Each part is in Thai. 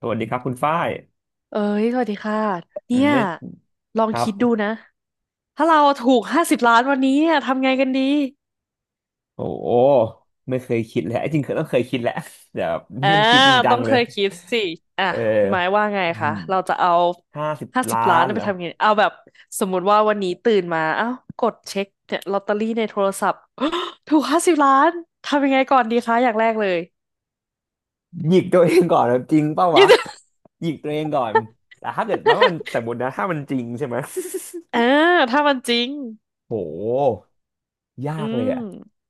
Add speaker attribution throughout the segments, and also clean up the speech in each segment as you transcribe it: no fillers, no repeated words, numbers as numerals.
Speaker 1: สวัสดีครับคุณฝ้าย
Speaker 2: เอ้ยสวัสดีค่ะ
Speaker 1: อื
Speaker 2: เนี่
Speaker 1: ม
Speaker 2: ย
Speaker 1: ไม่
Speaker 2: ลอ
Speaker 1: ค
Speaker 2: ง
Speaker 1: รับ
Speaker 2: คิดดูนะถ้าเราถูกห้าสิบล้านวันนี้เนี่ยทำไงกันดี
Speaker 1: โอ้โหไม่เคยคิดเลยจริงๆเคยคิดแหละแต่แบบ
Speaker 2: อ่า
Speaker 1: ไม่ได้คิดจริงจั
Speaker 2: ต้อ
Speaker 1: ง
Speaker 2: ง
Speaker 1: เล
Speaker 2: เค
Speaker 1: ย
Speaker 2: ยคิดสิอ่ะ
Speaker 1: เออ
Speaker 2: คุณหมายว่าไงคะเราจะเอา
Speaker 1: ห้าสิบ
Speaker 2: ห้าสิ
Speaker 1: ล้า
Speaker 2: บล้าน
Speaker 1: นเห
Speaker 2: ไป
Speaker 1: รอ
Speaker 2: ทำไงเอาแบบสมมติว่าวันนี้ตื่นมาเอ้ากดเช็คเนี่ยลอตเตอรี่ในโทรศัพท์ถูกห้าสิบล้านทำยังไงก่อนดีคะอย่างแรกเลย
Speaker 1: หยิกตัวเองก่อนนะจริงเปล่า
Speaker 2: ย
Speaker 1: วะ
Speaker 2: ด
Speaker 1: หยิกตัวเองก่อนแต่ถ้าเกิดมันว่ามันสมมตินะถ้ามันจริงใช่ไหม
Speaker 2: อ่าถ้ามันจริง
Speaker 1: โห ยา
Speaker 2: อื
Speaker 1: กเล
Speaker 2: ม
Speaker 1: ยอ่ะ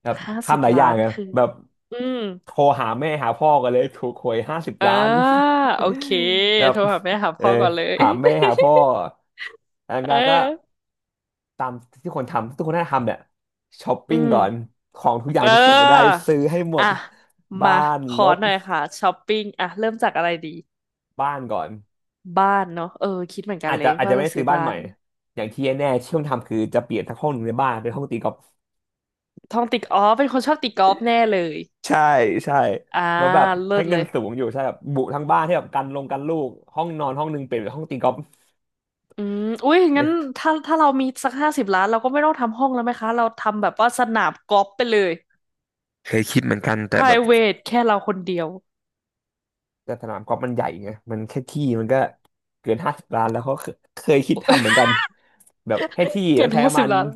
Speaker 1: แบบ
Speaker 2: ห้าสิบ
Speaker 1: ทำหลายอ
Speaker 2: ล้า
Speaker 1: ย่าง
Speaker 2: น
Speaker 1: อ่ะ
Speaker 2: คือ
Speaker 1: แบบ
Speaker 2: อืม
Speaker 1: โทรหาแม่หาพ่อกันเลยถูกหวยห้าสิบ
Speaker 2: อ่า
Speaker 1: ล้าน
Speaker 2: โอเค
Speaker 1: แบบ
Speaker 2: โทรหาแม่หา
Speaker 1: เออ
Speaker 2: พ่อก่อนเลย
Speaker 1: หาแม่หาพ่ออัน
Speaker 2: เ
Speaker 1: นั้นก็
Speaker 2: ออ
Speaker 1: ตามที่คนทำทุกคนน่าจะทำเนี่ยช้อป
Speaker 2: อื
Speaker 1: ปิ้ง
Speaker 2: ม
Speaker 1: ก่อนของทุกอ
Speaker 2: เ
Speaker 1: ย่างที่อยากได้
Speaker 2: ออ
Speaker 1: ซื้อให้หม
Speaker 2: อ่ะ
Speaker 1: ดบ้า
Speaker 2: มา
Speaker 1: น
Speaker 2: ข
Speaker 1: ร
Speaker 2: อ
Speaker 1: ถ
Speaker 2: หน่อยค่ะช้อปปิ้งอ่ะเริ่มจากอะไรดี
Speaker 1: บ้านก่อน
Speaker 2: บ้านเนาะเออคิดเหมือนกัน
Speaker 1: อาจ
Speaker 2: เล
Speaker 1: จะ
Speaker 2: ย
Speaker 1: อาจจะ
Speaker 2: ว่า
Speaker 1: ไม่
Speaker 2: จะ
Speaker 1: ได้
Speaker 2: ซื้
Speaker 1: ซื้
Speaker 2: อ
Speaker 1: อบ้าน
Speaker 2: บ้า
Speaker 1: ใหม่
Speaker 2: น
Speaker 1: อย่างที่แน่ๆที่ต้องทำคือจะเปลี่ยนทั้งห้องหนึ่งในบ้านเป็นห้องตีกอล์ฟ
Speaker 2: ท่องติกอ๋อเป็นคนชอบตีกอล์ฟแน่เลย
Speaker 1: ใช่ใช่
Speaker 2: อ่า
Speaker 1: แล้วแบบ
Speaker 2: เลิ
Speaker 1: ให้
Speaker 2: ศเล
Speaker 1: เงิน
Speaker 2: ย
Speaker 1: สูงอยู่ใช่แบบบุทั้งบ้านที่แบบกันลงกันลูกห้องนอนห้องหนึงเปลี่ยนเป็นห้องตีกอล์ฟ
Speaker 2: อืมอุ้ยงั้
Speaker 1: เนี่
Speaker 2: น
Speaker 1: ย
Speaker 2: ถ้าเรามีสักห้าสิบล้านเราก็ไม่ต้องทำห้องแล้วไหมคะเราทำแบบว่าสนามกอล์ฟไปเลย
Speaker 1: เคยคิดเหมือนกันแต่แบบ
Speaker 2: private แค่เราคนเดียว
Speaker 1: แต่สนามกอล์ฟมันใหญ่ไงมันแค่ที่มันก็เกินห้าสิบล้านแล้วเขาเคเคยคิดทำเหมือนกันแบบให้ที่
Speaker 2: เก็
Speaker 1: ต้อ
Speaker 2: บ
Speaker 1: งใช้ป
Speaker 2: ห้า
Speaker 1: ระ
Speaker 2: สิ
Speaker 1: มา
Speaker 2: บ
Speaker 1: ณ
Speaker 2: ล้าน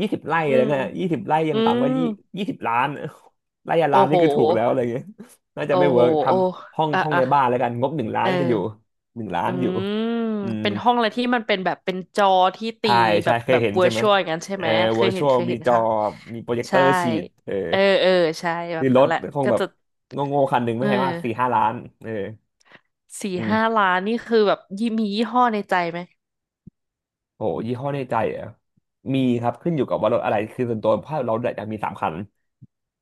Speaker 1: ยี่สิบไร่
Speaker 2: อื
Speaker 1: อะไร
Speaker 2: ม
Speaker 1: เงี้ยยี่สิบไร่ยั
Speaker 2: อื
Speaker 1: งต่ำก
Speaker 2: ม
Speaker 1: ว่ายี่ยี่สิบล้านไร่ละ
Speaker 2: โอ้
Speaker 1: ล้าน
Speaker 2: โห
Speaker 1: นี่คือถูกแล้วอะไรเงี้ยน่าจะ
Speaker 2: โอ้
Speaker 1: ไม่เวิ
Speaker 2: โห
Speaker 1: ร์กท
Speaker 2: โอ้
Speaker 1: ำห้อง
Speaker 2: อ่ะ
Speaker 1: ห้อง
Speaker 2: อ่ะ
Speaker 1: ในบ้านแล้วกันงบหนึ่งล้าน
Speaker 2: เออ
Speaker 1: น่าจะอยู่หนึ่งล้าน
Speaker 2: อื
Speaker 1: อยู่
Speaker 2: ม
Speaker 1: อืม
Speaker 2: เป็นห้องอะไรที่มันเป็นแบบเป็นจอที่ตี
Speaker 1: ใช่
Speaker 2: แบ
Speaker 1: ใช่
Speaker 2: บ
Speaker 1: เค
Speaker 2: แบ
Speaker 1: ย
Speaker 2: บ
Speaker 1: เห็น
Speaker 2: เวอ
Speaker 1: ใช่
Speaker 2: ร์
Speaker 1: ไห
Speaker 2: ช
Speaker 1: ม
Speaker 2: วลอย่างนั้นใช่
Speaker 1: เออ
Speaker 2: ไหมเค
Speaker 1: วอ
Speaker 2: ย
Speaker 1: ร์ช
Speaker 2: เห็น
Speaker 1: วล
Speaker 2: เคย
Speaker 1: มี
Speaker 2: เห็น
Speaker 1: จอ
Speaker 2: ค่ะ
Speaker 1: มีโปรเจคเตอ
Speaker 2: ใช่
Speaker 1: ร์ฉีดเออ
Speaker 2: เออเออใช่แบ
Speaker 1: คือ
Speaker 2: บ
Speaker 1: ร
Speaker 2: นั้น
Speaker 1: ถ
Speaker 2: แหละ
Speaker 1: คง
Speaker 2: ก็
Speaker 1: แบบ
Speaker 2: จะ
Speaker 1: โง่ๆคันหนึ่งไม่
Speaker 2: เออ
Speaker 1: แพงมาก4 5 ล้านเออ
Speaker 2: สี่
Speaker 1: อื
Speaker 2: ห้า
Speaker 1: ม
Speaker 2: ล้านนี่คือแบบยี่มียี่ห้อในใจไหม
Speaker 1: โหยี่ห้อในใจเหรอ่ะ มีครับขึ้นอยู่กับว่ารถอะไรคือส่วนตัวภาเราอยากมีสามคัน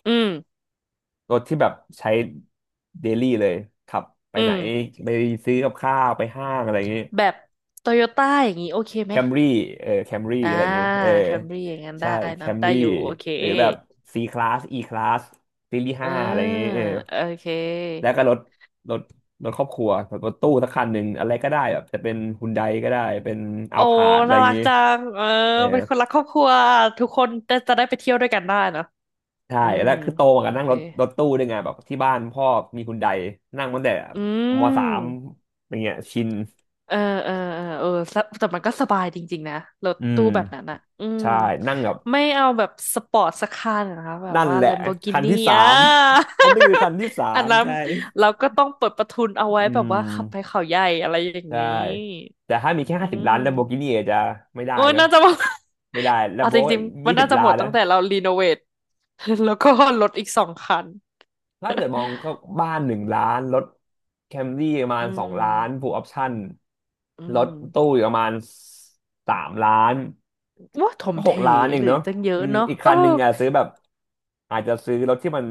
Speaker 2: อืม
Speaker 1: รถที่แบบใช้เดลี่เลยขับไป
Speaker 2: อื
Speaker 1: ไหน
Speaker 2: ม
Speaker 1: ไปซื้อกับข้าวไปห้างอะไรอย่างงี้
Speaker 2: แบบโตโยต้าอย่างนี้โอเค
Speaker 1: แค
Speaker 2: ไหม
Speaker 1: มรี่เออแคมรี่
Speaker 2: อ่า
Speaker 1: อะไรอย่างเงี้ยเออ
Speaker 2: แคมรี่อย่างนั้นได้
Speaker 1: ใช่แค
Speaker 2: เนอะ
Speaker 1: ม
Speaker 2: ได้
Speaker 1: รี่
Speaker 2: อยู่โอเค
Speaker 1: หรือแบบ C Class E Class ซีรีส์
Speaker 2: เออ
Speaker 1: ห้าอะไรอย่างเงี้ยเออ
Speaker 2: โอเค
Speaker 1: แล้วก็รถรถครอบครัวแบบรถตู้สักคันหนึ่งอะไรก็ได้แบบจะเป็นฮุนไดก็ได้เป็นอั
Speaker 2: โอ้
Speaker 1: ลพาร์ดอะไร
Speaker 2: น่า
Speaker 1: อย่าง
Speaker 2: รัก
Speaker 1: เงี้ย
Speaker 2: จังเออ
Speaker 1: เออ
Speaker 2: เป็นคนรักครอบครัว ทุกคนจะได้ไปเที่ยวด้วยกันได้เนอะ
Speaker 1: ใช่
Speaker 2: อืม
Speaker 1: แล้วคือโตมากั
Speaker 2: โอ
Speaker 1: บนั่ง
Speaker 2: เค
Speaker 1: รถรถตู้ด้วยไงแบบที่บ้านพ่อมีฮุนไดนั่งตั้งแต่
Speaker 2: อื
Speaker 1: มสาม
Speaker 2: ม
Speaker 1: อย่างเงี้ยชิน
Speaker 2: เออเออเออเออสะแต่มันก็สบายจริงๆนะ รถ
Speaker 1: อืม
Speaker 2: ตู้แบบนั้นอ่ะอืม
Speaker 1: ใช่นั่งแบบ
Speaker 2: ไม่เอาแบบสปอร์ตสักคันนะคะแบบ
Speaker 1: นั่น
Speaker 2: ว่า
Speaker 1: แหละคัน
Speaker 2: Lamborghini
Speaker 1: ที่สา
Speaker 2: อ่ะ
Speaker 1: มอันนี้คือคันที่ สา
Speaker 2: อัน
Speaker 1: ม
Speaker 2: นั้น
Speaker 1: ใช่
Speaker 2: เราก็ต้องเปิดประทุนเอาไว้
Speaker 1: อื
Speaker 2: แบบว่าขับไป
Speaker 1: ม
Speaker 2: เขาใหญ่อะไรอย่าง
Speaker 1: ใช่
Speaker 2: นี้
Speaker 1: แต่ถ้ามีแค่
Speaker 2: อื
Speaker 1: ห้าสิบล้านลัมโบกิ
Speaker 2: ม
Speaker 1: นี่จะไม่ได้
Speaker 2: โอ้ย
Speaker 1: นะ
Speaker 2: น่าจะว่า
Speaker 1: ไม่ได้ลัม
Speaker 2: เอา
Speaker 1: โบ
Speaker 2: จริงๆ มั
Speaker 1: ยี่
Speaker 2: น
Speaker 1: สิ
Speaker 2: น่า
Speaker 1: บ
Speaker 2: จะ
Speaker 1: ล้า
Speaker 2: หม
Speaker 1: น
Speaker 2: ดตั้
Speaker 1: นะ
Speaker 2: งแต่เรารีโนเวท แล้วก็ลดอีก2 คัน
Speaker 1: ถ้าเกิดมองก็บ้านหนึ่งล้านรถแคมรี่ประมา
Speaker 2: อื
Speaker 1: ณ2 ล้านฟู
Speaker 2: ม
Speaker 1: ลออปชั่น
Speaker 2: อื
Speaker 1: รถ
Speaker 2: ม
Speaker 1: ตู้อีกประมาณสามล้าน
Speaker 2: ว่าถม
Speaker 1: ก็ห
Speaker 2: เถ
Speaker 1: กล้านเอ
Speaker 2: เห
Speaker 1: ง
Speaker 2: รือ
Speaker 1: เนาะ
Speaker 2: อีกตั้งเย
Speaker 1: อื
Speaker 2: อะ
Speaker 1: ม
Speaker 2: เนาะ
Speaker 1: อีก
Speaker 2: เออ
Speaker 1: คันหนึ่งอ่ะซื้อแบบอาจจะซื้อรถที่มัน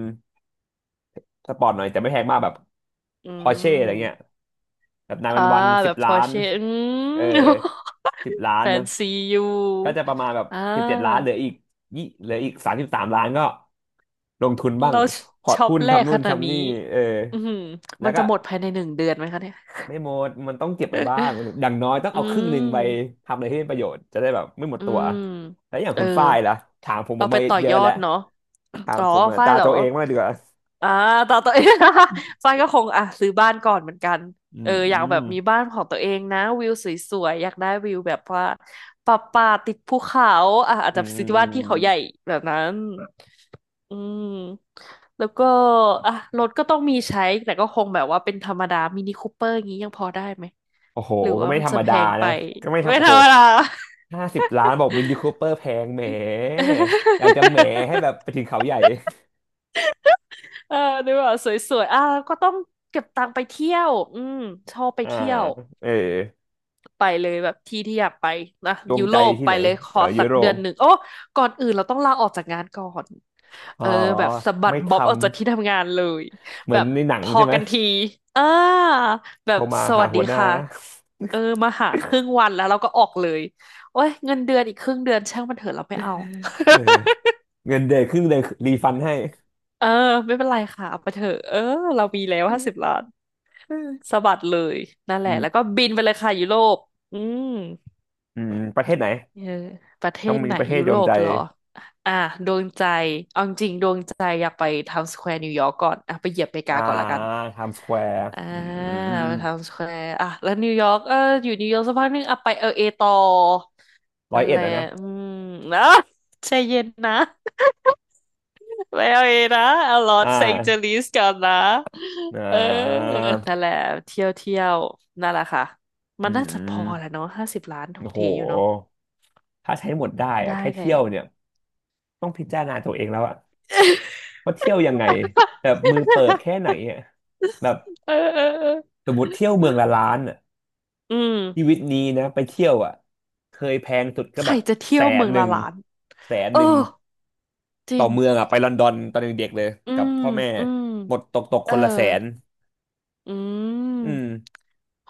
Speaker 1: สปอร์ตหน่อยแต่ไม่แพงมากแบบ
Speaker 2: อื
Speaker 1: พอร์เช่อะไรเงี้ย
Speaker 2: ม
Speaker 1: แบบนายวั
Speaker 2: อ่า
Speaker 1: นวัน
Speaker 2: แบ
Speaker 1: สิบ
Speaker 2: บพ
Speaker 1: ล้า
Speaker 2: อ
Speaker 1: น
Speaker 2: เช่อื
Speaker 1: เออ
Speaker 2: ม
Speaker 1: สิบ ล้า
Speaker 2: แฟ
Speaker 1: น
Speaker 2: น
Speaker 1: เนาะ
Speaker 2: ซีอยู่
Speaker 1: ก็จะประมาณแบบ
Speaker 2: อ่
Speaker 1: 17 ล้านเห
Speaker 2: า
Speaker 1: ลืออีกยี่เหลืออีก33 ล้านก็ลงทุนบ้าง
Speaker 2: เรา
Speaker 1: พอร์ต
Speaker 2: ช็อป
Speaker 1: หุ้น
Speaker 2: แรก
Speaker 1: ทำนู่
Speaker 2: ข
Speaker 1: น
Speaker 2: นาด
Speaker 1: ทำ
Speaker 2: นี้
Speaker 1: นี่เออ
Speaker 2: อืม
Speaker 1: แล้
Speaker 2: มั
Speaker 1: ว
Speaker 2: นจะ
Speaker 1: ก็
Speaker 2: หมดภายใน1 เดือนไหมคะเนี่ย
Speaker 1: ไม่หมดมันต้องเก็บไปบ้างอย่างน้อยต้อง
Speaker 2: อื
Speaker 1: เอาครึ่งหนึ่ง
Speaker 2: ม
Speaker 1: ไปทำอะไรที่เป็นประโยชน์จะได้แบบไม่หมด
Speaker 2: อื
Speaker 1: ตัว
Speaker 2: ม
Speaker 1: แล้วอย่าง
Speaker 2: เออ
Speaker 1: คุณฝ้ายล่ะถามผม
Speaker 2: เอาไป
Speaker 1: มา
Speaker 2: ต่อ
Speaker 1: เย
Speaker 2: ย
Speaker 1: อะ
Speaker 2: อ
Speaker 1: แล้ว
Speaker 2: ดเนาะ
Speaker 1: ถา ม
Speaker 2: อ๋อ
Speaker 1: ผมมา
Speaker 2: ฝ้าย
Speaker 1: ตา
Speaker 2: เหรอ
Speaker 1: ตัวเองมางดีกว่า
Speaker 2: อ่าต่อตัว เอง ฟ้ายก็คงอ่ะซื้อบ้านก่อนเหมือนกัน
Speaker 1: อื
Speaker 2: เออ
Speaker 1: ม
Speaker 2: อ
Speaker 1: อื
Speaker 2: ยากแบ
Speaker 1: ม
Speaker 2: บมีบ้านของตัวเองนะวิวสวยๆอยากได้วิวแบบว่าป่าติดภูเขาอ่ะอาจ
Speaker 1: อื
Speaker 2: จะซื้อที่บ้านที่เขาใหญ่
Speaker 1: ม
Speaker 2: แบบนั้นอืมแล้วก็อ่ะรถก็ต้องมีใช้แต่ก็คงแบบว่าเป็นธรรมดามินิคูเปอร์อย่างนี้ยังพอได้ไหม
Speaker 1: โอ้โห
Speaker 2: หรือ
Speaker 1: ก็
Speaker 2: ว่า
Speaker 1: ไม่
Speaker 2: มัน
Speaker 1: ธร
Speaker 2: จะ
Speaker 1: รม
Speaker 2: แพ
Speaker 1: ดา
Speaker 2: งไป
Speaker 1: นะก็ไม่
Speaker 2: ไม่
Speaker 1: ทำโอ้
Speaker 2: ธร
Speaker 1: โห
Speaker 2: รมดา
Speaker 1: ห้าสิบล้านบอกมินิคูเปอร์แพงแหมอยากจะแหมให้แบ บไปถึงเขาใหญ่
Speaker 2: เออดูว่าสวยๆอ่ะก็ต้องเก็บตังค์ไปเที่ยวอืมชอบไป
Speaker 1: อ่า
Speaker 2: เที่ยว
Speaker 1: เออ
Speaker 2: ไปเลยแบบที่อยากไปนะ
Speaker 1: ดวง
Speaker 2: ยุ
Speaker 1: ใจ
Speaker 2: โรป
Speaker 1: ที่
Speaker 2: ไป
Speaker 1: ไหน
Speaker 2: เลยข
Speaker 1: เอ
Speaker 2: อ
Speaker 1: อยุ
Speaker 2: สัก
Speaker 1: โร
Speaker 2: เดือ
Speaker 1: ป
Speaker 2: นหนึ่งโอ้ก่อนอื่นเราต้องลาออกจากงานก่อน
Speaker 1: อ๋
Speaker 2: เอ
Speaker 1: อ
Speaker 2: อแบบสะบัด
Speaker 1: ไม่
Speaker 2: บ๊อบ
Speaker 1: ทำ
Speaker 2: ออกจากที่ทำงานเลย
Speaker 1: เหมื
Speaker 2: แบ
Speaker 1: อน
Speaker 2: บ
Speaker 1: ในหนัง
Speaker 2: พอ
Speaker 1: ใช่ไหม
Speaker 2: กันทีอ่าแบบ
Speaker 1: เขามา
Speaker 2: ส
Speaker 1: หา
Speaker 2: วัส
Speaker 1: หั
Speaker 2: ดี
Speaker 1: วหน้า
Speaker 2: ค่ะเออมาหาครึ่งวันแล้วเราก็ออกเลยโอ้ยเงินเดือนอีกครึ่งเดือนช่างมันเถอะเราไม่เอา
Speaker 1: เออ เงินเดือนครึ่งเดือนรีฟันให้
Speaker 2: เออไม่เป็นไรค่ะเอาไปเถอะเออเรามีแล้วห้าสิบล้าน
Speaker 1: อ
Speaker 2: สะบัดเลยนั่นแห
Speaker 1: ื
Speaker 2: ละแล้วก็
Speaker 1: ม
Speaker 2: บินไปเลยค่ะยุโรปอืม
Speaker 1: อืมประเทศไหน
Speaker 2: เออประเท
Speaker 1: ต้อง
Speaker 2: ศ
Speaker 1: มี
Speaker 2: ไหน
Speaker 1: ประเทศ
Speaker 2: ยุ
Speaker 1: ด
Speaker 2: โร
Speaker 1: วง
Speaker 2: ป
Speaker 1: ใจ
Speaker 2: เหรอ อ่ะดวงใจเอาจริงๆดวงใจอยากไปไทม์สแควร์นิวยอร์กก่อนอ่ะไปเหยียบอเมริกา
Speaker 1: อ่า
Speaker 2: ก่อนละกัน
Speaker 1: ไทม์สแควร์
Speaker 2: อ่า
Speaker 1: อืม
Speaker 2: ไปไทม์สแควร์อ่ะแล้วนิวยอร์กเอออยู่นิวยอร์กสักพักหนึงอ่ะไปเอลเอต่อ
Speaker 1: ร้อ
Speaker 2: นั่
Speaker 1: ย
Speaker 2: น
Speaker 1: เอ็
Speaker 2: แห
Speaker 1: ด
Speaker 2: ละ
Speaker 1: อ่ะนะ
Speaker 2: อืมนะ ใจเย็นนะ ไปเอลเอนะเอาลอ
Speaker 1: อ่
Speaker 2: สแองเจลิ
Speaker 1: า
Speaker 2: สก่อนนะ
Speaker 1: อ่
Speaker 2: เออ
Speaker 1: า
Speaker 2: นั่นแหละเที่ยวนั่นแหละค่ะ
Speaker 1: อื
Speaker 2: มันน่าจะพอแหละ
Speaker 1: ม
Speaker 2: เนาะห้าสิบล้านทุก
Speaker 1: โอ้โห
Speaker 2: ทีอยู่เนาะ
Speaker 1: ถ้าใช้หมดได้อะ
Speaker 2: ได้
Speaker 1: แค่
Speaker 2: เล
Speaker 1: เที่ยว
Speaker 2: ย
Speaker 1: เนี่ยต้องพิจารณาตัวเองแล้วอะว่าเที่ยวยังไงแบบ มือเปิบแค่ไหนอะแบบ
Speaker 2: เออเออเออ
Speaker 1: สมมติเที่ยวเมืองละล้านอ่ะ
Speaker 2: อืม
Speaker 1: ชีวิตนี้นะไปเที่ยวอ่ะเคยแพงสุดก็
Speaker 2: ใค
Speaker 1: แบ
Speaker 2: ร
Speaker 1: บ
Speaker 2: จะเที่
Speaker 1: แส
Speaker 2: ยวเมื
Speaker 1: น
Speaker 2: อง
Speaker 1: หนึ่
Speaker 2: ละ
Speaker 1: ง
Speaker 2: ล้าน
Speaker 1: แสน
Speaker 2: เอ
Speaker 1: ห
Speaker 2: อ
Speaker 1: นึ่ง
Speaker 2: จ
Speaker 1: ต่
Speaker 2: ริ
Speaker 1: อ
Speaker 2: ง
Speaker 1: เมืองอ่ะไปลอนดอนตอนเด็กๆเลย
Speaker 2: อื
Speaker 1: กับ
Speaker 2: ม
Speaker 1: พ่อแม่
Speaker 2: อืม
Speaker 1: หมดตกตก
Speaker 2: เอ
Speaker 1: ค
Speaker 2: อ
Speaker 1: นละแสน
Speaker 2: อื
Speaker 1: อืม
Speaker 2: ม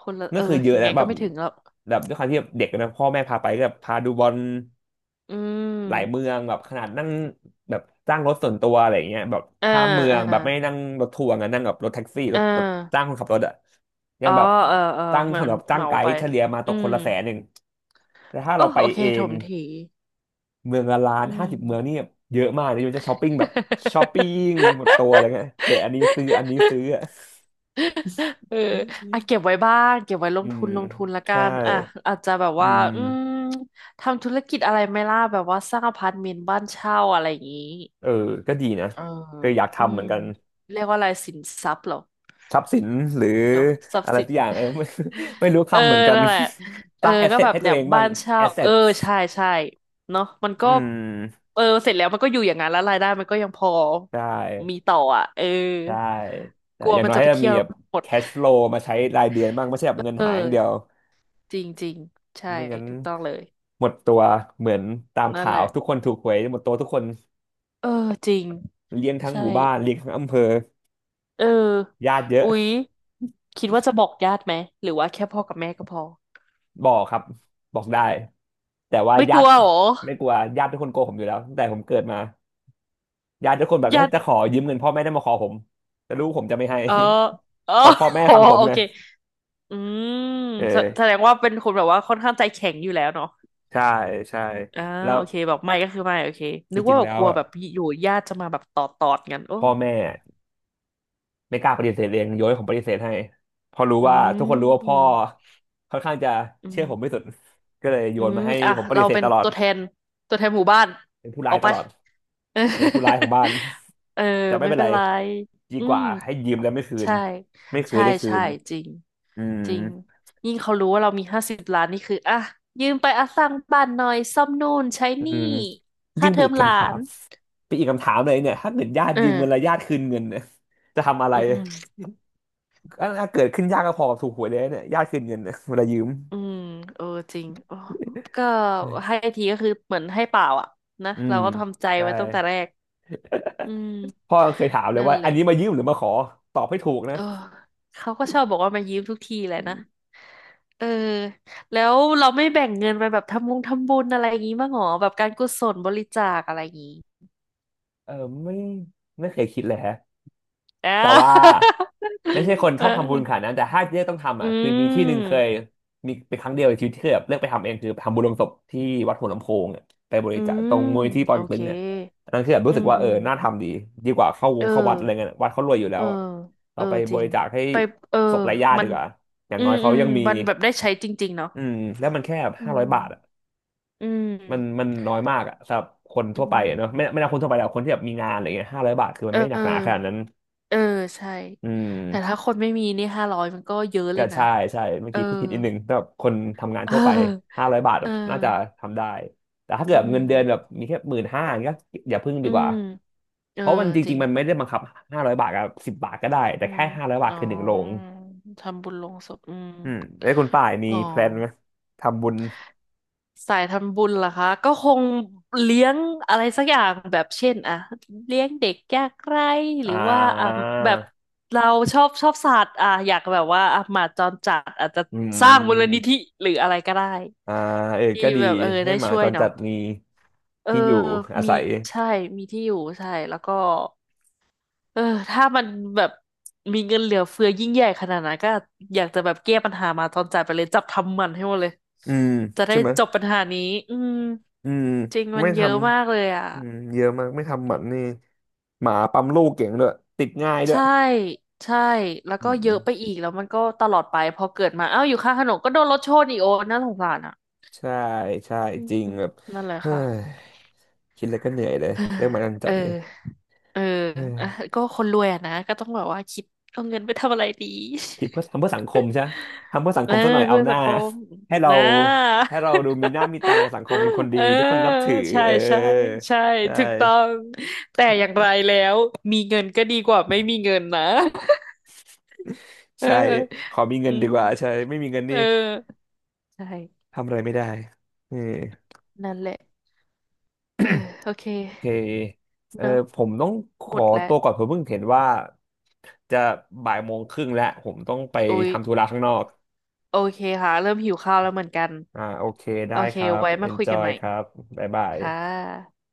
Speaker 2: คนละ
Speaker 1: นั่
Speaker 2: เอ
Speaker 1: น
Speaker 2: อ
Speaker 1: คือเยอะ
Speaker 2: ยังไง
Speaker 1: นะแบ
Speaker 2: ก็
Speaker 1: บ
Speaker 2: ไม่ถึงหรอก
Speaker 1: แบบด้วยความที่แบบเด็กนะพ่อแม่พาไปก็แบบพาดูบอล
Speaker 2: อื
Speaker 1: หลายเมื
Speaker 2: ม
Speaker 1: องแบบขนาดนั่งแบบจ้างรถส่วนตัวอะไรอย่างเงี้ยแบบ
Speaker 2: อ่า
Speaker 1: ข้ามเมือ
Speaker 2: อ่า
Speaker 1: งแบบไม่นั่งรถทัวร์ไงนั่งแบบรถแท็กซี่ร
Speaker 2: อ่
Speaker 1: ถรถจ้าง
Speaker 2: า
Speaker 1: คนขับรถอะยั
Speaker 2: อ๋
Speaker 1: ง
Speaker 2: อ
Speaker 1: แบบ
Speaker 2: เออเออ
Speaker 1: จ้าง
Speaker 2: เหมือ
Speaker 1: สำ
Speaker 2: น
Speaker 1: หรับจ้า
Speaker 2: เห
Speaker 1: ง
Speaker 2: มา
Speaker 1: ไก
Speaker 2: ไป
Speaker 1: ด์เฉลี่ยมาต
Speaker 2: อื
Speaker 1: กค
Speaker 2: ม
Speaker 1: นละ100,000แต่ถ้า
Speaker 2: โอ้
Speaker 1: เราไป
Speaker 2: โอเค
Speaker 1: เอ
Speaker 2: ถ
Speaker 1: ง
Speaker 2: มถี
Speaker 1: เมืองละ1,000,000
Speaker 2: อื
Speaker 1: ห้า
Speaker 2: ม
Speaker 1: สิบเมืองนี่เยอะมากเลยมันจะช้อปปิ้งหมดตัวอะไรเงี้ยเห็นอันนี้ซื้ออันนี้ซื้ออะ
Speaker 2: เอออ่ะ เก็บไว้บ้างเก็บไว้ล
Speaker 1: อื
Speaker 2: งทุ
Speaker 1: ม
Speaker 2: นลงทุนละกั
Speaker 1: ใช่
Speaker 2: นอ่ะอาจจะแบบ
Speaker 1: อื
Speaker 2: ว่า
Speaker 1: ม
Speaker 2: อืมทำธุรกิจอะไรไหม่ล่ะแบบว่าสร้างอพาร์ตเมนต์บ้านเช่าอะไรอย่างนี้
Speaker 1: เออก็ดีนะ
Speaker 2: เออ
Speaker 1: ก็อยาก
Speaker 2: อื
Speaker 1: ทำเห
Speaker 2: ม
Speaker 1: มือนกัน
Speaker 2: เรียกว่าอะไรสินทรัพย์เหรอ
Speaker 1: ทรัพย์สินหรือ
Speaker 2: เนาะทรัพ
Speaker 1: อะ
Speaker 2: ย์
Speaker 1: ไร
Speaker 2: สิน
Speaker 1: สักอย่างเออไม่ ไม่รู้
Speaker 2: เออ
Speaker 1: คำเหมือนกัน
Speaker 2: นั่นแหละเอ
Speaker 1: ส
Speaker 2: อ
Speaker 1: ร้างแอส
Speaker 2: ก็
Speaker 1: เซ
Speaker 2: แบ
Speaker 1: ท
Speaker 2: บ
Speaker 1: ให้ตั
Speaker 2: เนี่
Speaker 1: ว
Speaker 2: ย
Speaker 1: เองบ้า
Speaker 2: บ้า
Speaker 1: ง
Speaker 2: นเช่า
Speaker 1: แอสเซ
Speaker 2: เออ
Speaker 1: ท
Speaker 2: ใช่เนาะมัน
Speaker 1: อื
Speaker 2: ก็
Speaker 1: ม
Speaker 2: เออเสร็จแล้วมันก็อยู่อย่างนั้นแล้วรายได้มันก็ยังพอ
Speaker 1: ใช่
Speaker 2: มีต่ออ่ะเออ
Speaker 1: ใช่ใช่
Speaker 2: กลัว
Speaker 1: อย่าง
Speaker 2: มัน
Speaker 1: น้อย
Speaker 2: จะ
Speaker 1: ให้
Speaker 2: ไป
Speaker 1: เรา
Speaker 2: เที่
Speaker 1: มี
Speaker 2: ยวแล้
Speaker 1: แบ
Speaker 2: ว
Speaker 1: บ
Speaker 2: หมด
Speaker 1: แคชฟลูมาใช้รายเดือนบ้างไม่ใช่แบบเงิน
Speaker 2: เอ
Speaker 1: หายอย่างเดียว
Speaker 2: อ จริงจริงใช่
Speaker 1: ไม่งั้น
Speaker 2: ถูกต้องเลย
Speaker 1: หมดตัวเหมือนตาม
Speaker 2: นั่น
Speaker 1: ข่า
Speaker 2: แห
Speaker 1: ว
Speaker 2: ละ
Speaker 1: ทุกคนถูกหวยหมดตัวทุกคน
Speaker 2: เออจริง
Speaker 1: เลี้ยงทั้ง
Speaker 2: ใช่
Speaker 1: หมู่บ้านเลี้ยงทั้งอำเภอ
Speaker 2: เออ
Speaker 1: ญาติเยอะ
Speaker 2: อุ๊ยคิดว่าจะบอกญาติไหมหรือว่าแค่พ่อกับแม่ก็พอ
Speaker 1: บอกครับบอกได้แต่ว่า
Speaker 2: ไม่ก
Speaker 1: ญา
Speaker 2: ลั
Speaker 1: ติ
Speaker 2: วเหรอ
Speaker 1: ไม่กลัวญาติทุกคนโกหกผมอยู่แล้วตั้งแต่ผมเกิดมา ญาติทุกคนแบบถ้า
Speaker 2: ญาติ
Speaker 1: จะขอยืมเงินพ่อแม่ได้มาขอผมแต่ลูกผมจะไม่ให้
Speaker 2: เออเออ
Speaker 1: เขาพ่อแม่
Speaker 2: โอ
Speaker 1: ฟังผม
Speaker 2: โอ
Speaker 1: ไง
Speaker 2: เคอืม
Speaker 1: เอ
Speaker 2: แสแสด
Speaker 1: อ
Speaker 2: งว่าเป็นคนแบบว่าค่อนข้างใจแข็งอยู่แล้วเนาะ
Speaker 1: ใช่ใช่
Speaker 2: อ่า
Speaker 1: แล้ว
Speaker 2: โอเคแบบไม่ก็คือไม่โอเคนึ
Speaker 1: ที่
Speaker 2: ก
Speaker 1: จริ
Speaker 2: ว่า
Speaker 1: ง
Speaker 2: แบบ
Speaker 1: แล้
Speaker 2: ก
Speaker 1: ว
Speaker 2: ลัว
Speaker 1: อะ
Speaker 2: แบบอยู่ญาติจะมาแบบตอดตอดกันโอ้
Speaker 1: พ่อแม่ไม่กล้าปฏิเสธเองโยนให้ผมปฏิเสธให้เพอรู้
Speaker 2: อื
Speaker 1: ว่าทุกคนรู้ว่าพ่อ
Speaker 2: ม
Speaker 1: ค่อนข้างจะ
Speaker 2: อื
Speaker 1: เชื่
Speaker 2: ม
Speaker 1: อผมไม่สุดก็เลยโย
Speaker 2: อื
Speaker 1: น
Speaker 2: ม
Speaker 1: มาให้
Speaker 2: อ่ะ
Speaker 1: ผมปฏิ
Speaker 2: เรา
Speaker 1: เสธ
Speaker 2: เป็น
Speaker 1: ตลอด
Speaker 2: ตัวแทนหมู่บ้าน
Speaker 1: เป็นผู้
Speaker 2: อ
Speaker 1: ร้าย
Speaker 2: อก
Speaker 1: ต
Speaker 2: ไป
Speaker 1: ลอด
Speaker 2: เออ
Speaker 1: เป็นผู้ร้ายของบ้าน
Speaker 2: เออ
Speaker 1: แต่ไม่
Speaker 2: ไม่
Speaker 1: เป็น
Speaker 2: เป็
Speaker 1: ไร
Speaker 2: นไร
Speaker 1: ดี
Speaker 2: อื
Speaker 1: ก
Speaker 2: ม
Speaker 1: ว่าให้ยืมแล้วไม่คืน
Speaker 2: ใช่
Speaker 1: ไม่เคย
Speaker 2: ใช่
Speaker 1: ได้คื
Speaker 2: ใช่
Speaker 1: น
Speaker 2: จริง
Speaker 1: อืม
Speaker 2: จริงยิ่งเขารู้ว่าเรามี50 ล้านนี่คืออ่ะยืมไปอ่ะสร้างบ้านหน่อยซ่อมนู่นใช้
Speaker 1: อื
Speaker 2: นี่
Speaker 1: ม
Speaker 2: ค่า
Speaker 1: ยิ่ง
Speaker 2: เท
Speaker 1: ไป
Speaker 2: อ
Speaker 1: อี
Speaker 2: ม
Speaker 1: ก
Speaker 2: หลา
Speaker 1: คำถา
Speaker 2: น
Speaker 1: ม เป็นอีกคำถามเลยเนี่ยถ้าเกิดญาติ
Speaker 2: เอ
Speaker 1: ยืมเงินแล้ว
Speaker 2: อ
Speaker 1: ญาติคืนเงินเนี่ยจะทำอะไร
Speaker 2: อืม
Speaker 1: ถ้าเกิดขึ้นยากก็พอกับถูกหวยเลยเนี่ยญาติคืนเงินเนี่ยเวลายืม
Speaker 2: อืมเออจริงโอ้ก็ให้ทีก็คือเหมือนให้เปล่าอ่ะนะ
Speaker 1: อื
Speaker 2: เรา
Speaker 1: ม
Speaker 2: ก็ทำใจ
Speaker 1: ใช่
Speaker 2: ไว้ตั้งแต่แรกอืม
Speaker 1: พ่อเคยถามเลย
Speaker 2: นั่น
Speaker 1: ว่า
Speaker 2: แห
Speaker 1: อั
Speaker 2: ละ
Speaker 1: นนี้มายืมหรือมาขอ ตอบให้ถูกนะ
Speaker 2: เออเขาก็ชอบบอกว่ามายืมทุกทีแหละนะเออแล้วเราไม่แบ่งเงินไปแบบทำบุญอะไรอย่างงี้บ้างหรอแบบการกุศลบริจาคอะไรอย่างงี้
Speaker 1: เออ ไม่ไม่เคยคิดเลยฮะ
Speaker 2: อ่า
Speaker 1: แต่ว่า ไม่ใช่คน
Speaker 2: เอ
Speaker 1: ช
Speaker 2: อ
Speaker 1: อบทำบุญขนาดนั้นแต่ถ้าเลือกต้องทำ
Speaker 2: อื
Speaker 1: อ่ะคือมีที่หนึ่งเค
Speaker 2: ม
Speaker 1: ยมีเป็นครั้งเดียวในชีวิตที่เคยแบบเลือกไปทำเองคือทำบุญลงศพที่วัดหัวลำโพงเนี่ยไปบริ
Speaker 2: อื
Speaker 1: จาค
Speaker 2: ม
Speaker 1: ตรงมูลที่ปอ
Speaker 2: โอ
Speaker 1: เต็กตึ
Speaker 2: เค
Speaker 1: งเนี่ยอันนั้นคือแบบ
Speaker 2: อื
Speaker 1: รู้สึก
Speaker 2: ม
Speaker 1: ว่า
Speaker 2: อื
Speaker 1: เออ
Speaker 2: ม
Speaker 1: น่าทำดีดีกว่าเข้าว
Speaker 2: เอ
Speaker 1: งเข้าวัดอะไร
Speaker 2: อ
Speaker 1: เงี้ยวัดเขารวยอยู่แล้
Speaker 2: เออ
Speaker 1: วอะ
Speaker 2: เอ
Speaker 1: เรา
Speaker 2: อ
Speaker 1: ไป
Speaker 2: จ
Speaker 1: บ
Speaker 2: ริง
Speaker 1: ริจาคให้
Speaker 2: ไปเออ
Speaker 1: ศพไร้ญาติ
Speaker 2: มั
Speaker 1: ดี
Speaker 2: น
Speaker 1: กว่าอย่าง
Speaker 2: อื
Speaker 1: น้อ
Speaker 2: ม
Speaker 1: ยเขา
Speaker 2: อืม
Speaker 1: ยังมี
Speaker 2: มันแบบได้ใช้จริงๆเนาะ
Speaker 1: อืมแล้วมันแค่
Speaker 2: อื
Speaker 1: ห้าร้อยบาทอ่ะ
Speaker 2: มอืม
Speaker 1: มันน้อยมากอ่ะสำหรับคน
Speaker 2: อื
Speaker 1: ทั่วไปอะเนอะ
Speaker 2: ม
Speaker 1: ไม่นับคนทั่วไปแล้วคนที่แบบมีงานอะไรเงี้ยห้าร้อยบาทคือมั
Speaker 2: เอ
Speaker 1: น
Speaker 2: อ
Speaker 1: ไม่หนักหนาขนาดนั้น
Speaker 2: เออใช่
Speaker 1: อื
Speaker 2: แต่ถ้า
Speaker 1: ม
Speaker 2: คนไม่มีนี่500มันก็เยอะเล
Speaker 1: ก็
Speaker 2: ยนะ
Speaker 1: ใช่ใช่เมื่อ
Speaker 2: เออ
Speaker 1: กี้พูดผิดนิดนึงแต่แบบคนทำงาน
Speaker 2: เ
Speaker 1: ทั่วไป
Speaker 2: ออ
Speaker 1: ห้าร้อยบาท
Speaker 2: เอ
Speaker 1: แบ
Speaker 2: อ
Speaker 1: บน่าจะทำได้แต่ถ้าเกิ
Speaker 2: อื
Speaker 1: ดเงิ
Speaker 2: ม
Speaker 1: นเดือนแบบมีแค่15,000ก็อย่าพึ่งดี
Speaker 2: อื
Speaker 1: กว่า
Speaker 2: มเอ
Speaker 1: เพ
Speaker 2: อ
Speaker 1: ราะมันจ
Speaker 2: จ
Speaker 1: ริ
Speaker 2: ริ
Speaker 1: ง
Speaker 2: ง
Speaker 1: ๆมันไม่ได้บังคับ500 บาทกับ 10 บาทก็ได้แต่
Speaker 2: อื
Speaker 1: แค่
Speaker 2: ม
Speaker 1: ห้าร้อยบาท
Speaker 2: อ๋อ
Speaker 1: คือหนึ่งโรง
Speaker 2: ทำบุญลงศพอืม
Speaker 1: อืมแล้วคุณป่ายมี
Speaker 2: อ๋อ
Speaker 1: แพลนไหมทำบุญ
Speaker 2: สายทำบุญเหรอคะก็คงเลี้ยงอะไรสักอย่างแบบเช่นอะเลี้ยงเด็กยากไร้ห
Speaker 1: อ่
Speaker 2: รือว่าอ่ะ
Speaker 1: า
Speaker 2: แบบเราชอบสัตว์อ่ะอยากแบบว่าอ่ะหมาจรจัดอาจจะ
Speaker 1: อื
Speaker 2: สร้างมูลนิ
Speaker 1: ม
Speaker 2: ธิหรืออะไรก็ได้
Speaker 1: อ่าเออ
Speaker 2: ที่
Speaker 1: ก็ดี
Speaker 2: แบบเออ
Speaker 1: ให้
Speaker 2: ได้
Speaker 1: หมา
Speaker 2: ช่ว
Speaker 1: จ
Speaker 2: ย
Speaker 1: รจั
Speaker 2: เนาะ
Speaker 1: ดมี
Speaker 2: เออ
Speaker 1: ที่อยู่อา
Speaker 2: มี
Speaker 1: ศัย
Speaker 2: ใช่มีที่อยู่ใช่แล้วก็ เออถ้ามันแบบมีเงินเหลือเฟือยิ่งใหญ่ขนาดนั้นก็อยากจะแบบแก้ปัญหามาตอนจ่ายไปเลยจับทำมันให้หมดเลย
Speaker 1: อืม
Speaker 2: จะได้
Speaker 1: ใช่ไหมย
Speaker 2: จบปัญหานี้อืม
Speaker 1: อืม
Speaker 2: จริงมั
Speaker 1: ไม่
Speaker 2: น
Speaker 1: ท
Speaker 2: เยอะมากเลยอ่ะ
Speaker 1: ำ อืมเยอะมากไม่ทำหมันนี่หมาปั๊มลูกเก่งด้วยติดง่ายด้วย
Speaker 2: ใช่ใช่แล้ว
Speaker 1: อื
Speaker 2: ก็เยอะ
Speaker 1: ม
Speaker 2: ไปอีกแล้วมันก็ตลอดไปพอเกิดมาเอ้าอยู่ข้างถนนก็โดนรถชนอีกโอ้น่าสงสารอ่ะ
Speaker 1: ใช่ใช่
Speaker 2: อื
Speaker 1: จริง
Speaker 2: ม
Speaker 1: แบบ
Speaker 2: นั่นแหละ
Speaker 1: เฮ้
Speaker 2: ค่ะ
Speaker 1: ยคิดแล้วก็เหนื่อยเลยเรื่องหมาจร จั
Speaker 2: เออ
Speaker 1: ดนี่
Speaker 2: เออ
Speaker 1: เฮ้ย
Speaker 2: อ่ะ ก็คนรวยอะนะก็ต้องแบบว่าคิดเอาเงินไปทำอะไรดี
Speaker 1: คิดเพื่อทำเพื่อสังคมใช่ทำเพื่อสัง
Speaker 2: เอ
Speaker 1: ค
Speaker 2: อ
Speaker 1: มซะหน่อยเอา
Speaker 2: เพื่อ
Speaker 1: ห
Speaker 2: สั
Speaker 1: น้า
Speaker 2: งคม
Speaker 1: ให้เรา
Speaker 2: นะ
Speaker 1: ให้เราดูมีหน้ามีตาสังคมเป็นคน ดี
Speaker 2: เออ
Speaker 1: ทุกคนนับถือ
Speaker 2: ใช่
Speaker 1: เออ
Speaker 2: ใช่ใช่
Speaker 1: ใช่
Speaker 2: ถูกต้องแต่อย่างไรแล้วมีเงินก็ดีกว่าไม่มีเงินนะ เอ
Speaker 1: ใช่
Speaker 2: อ
Speaker 1: ขอมีเงิ
Speaker 2: อื
Speaker 1: นดี
Speaker 2: ม
Speaker 1: กว่าใช่ไม่มีเงิน
Speaker 2: เอ
Speaker 1: นี่
Speaker 2: อใช่
Speaker 1: ทำอะไรไม่ได้เออ
Speaker 2: นั่นแหละเออโอเค
Speaker 1: เคเออ
Speaker 2: เนอะ
Speaker 1: ผมต้องข
Speaker 2: หม
Speaker 1: อ
Speaker 2: ดแล้ว
Speaker 1: ตัวก่อนผมเพิ่งเห็นว่าจะ13:30 น.แล้วผมต้องไป
Speaker 2: โอ้ย
Speaker 1: ทำธุระข้างนอก
Speaker 2: โอเคค่ะเริ่มหิวข้าวแล้วเหมือนกัน
Speaker 1: อ่าโอเค ได้
Speaker 2: โอเค
Speaker 1: ครับ
Speaker 2: ไว้มาคุยกัน
Speaker 1: enjoy
Speaker 2: ใหม่
Speaker 1: ครับ บ๊ายบาย
Speaker 2: ค่ะ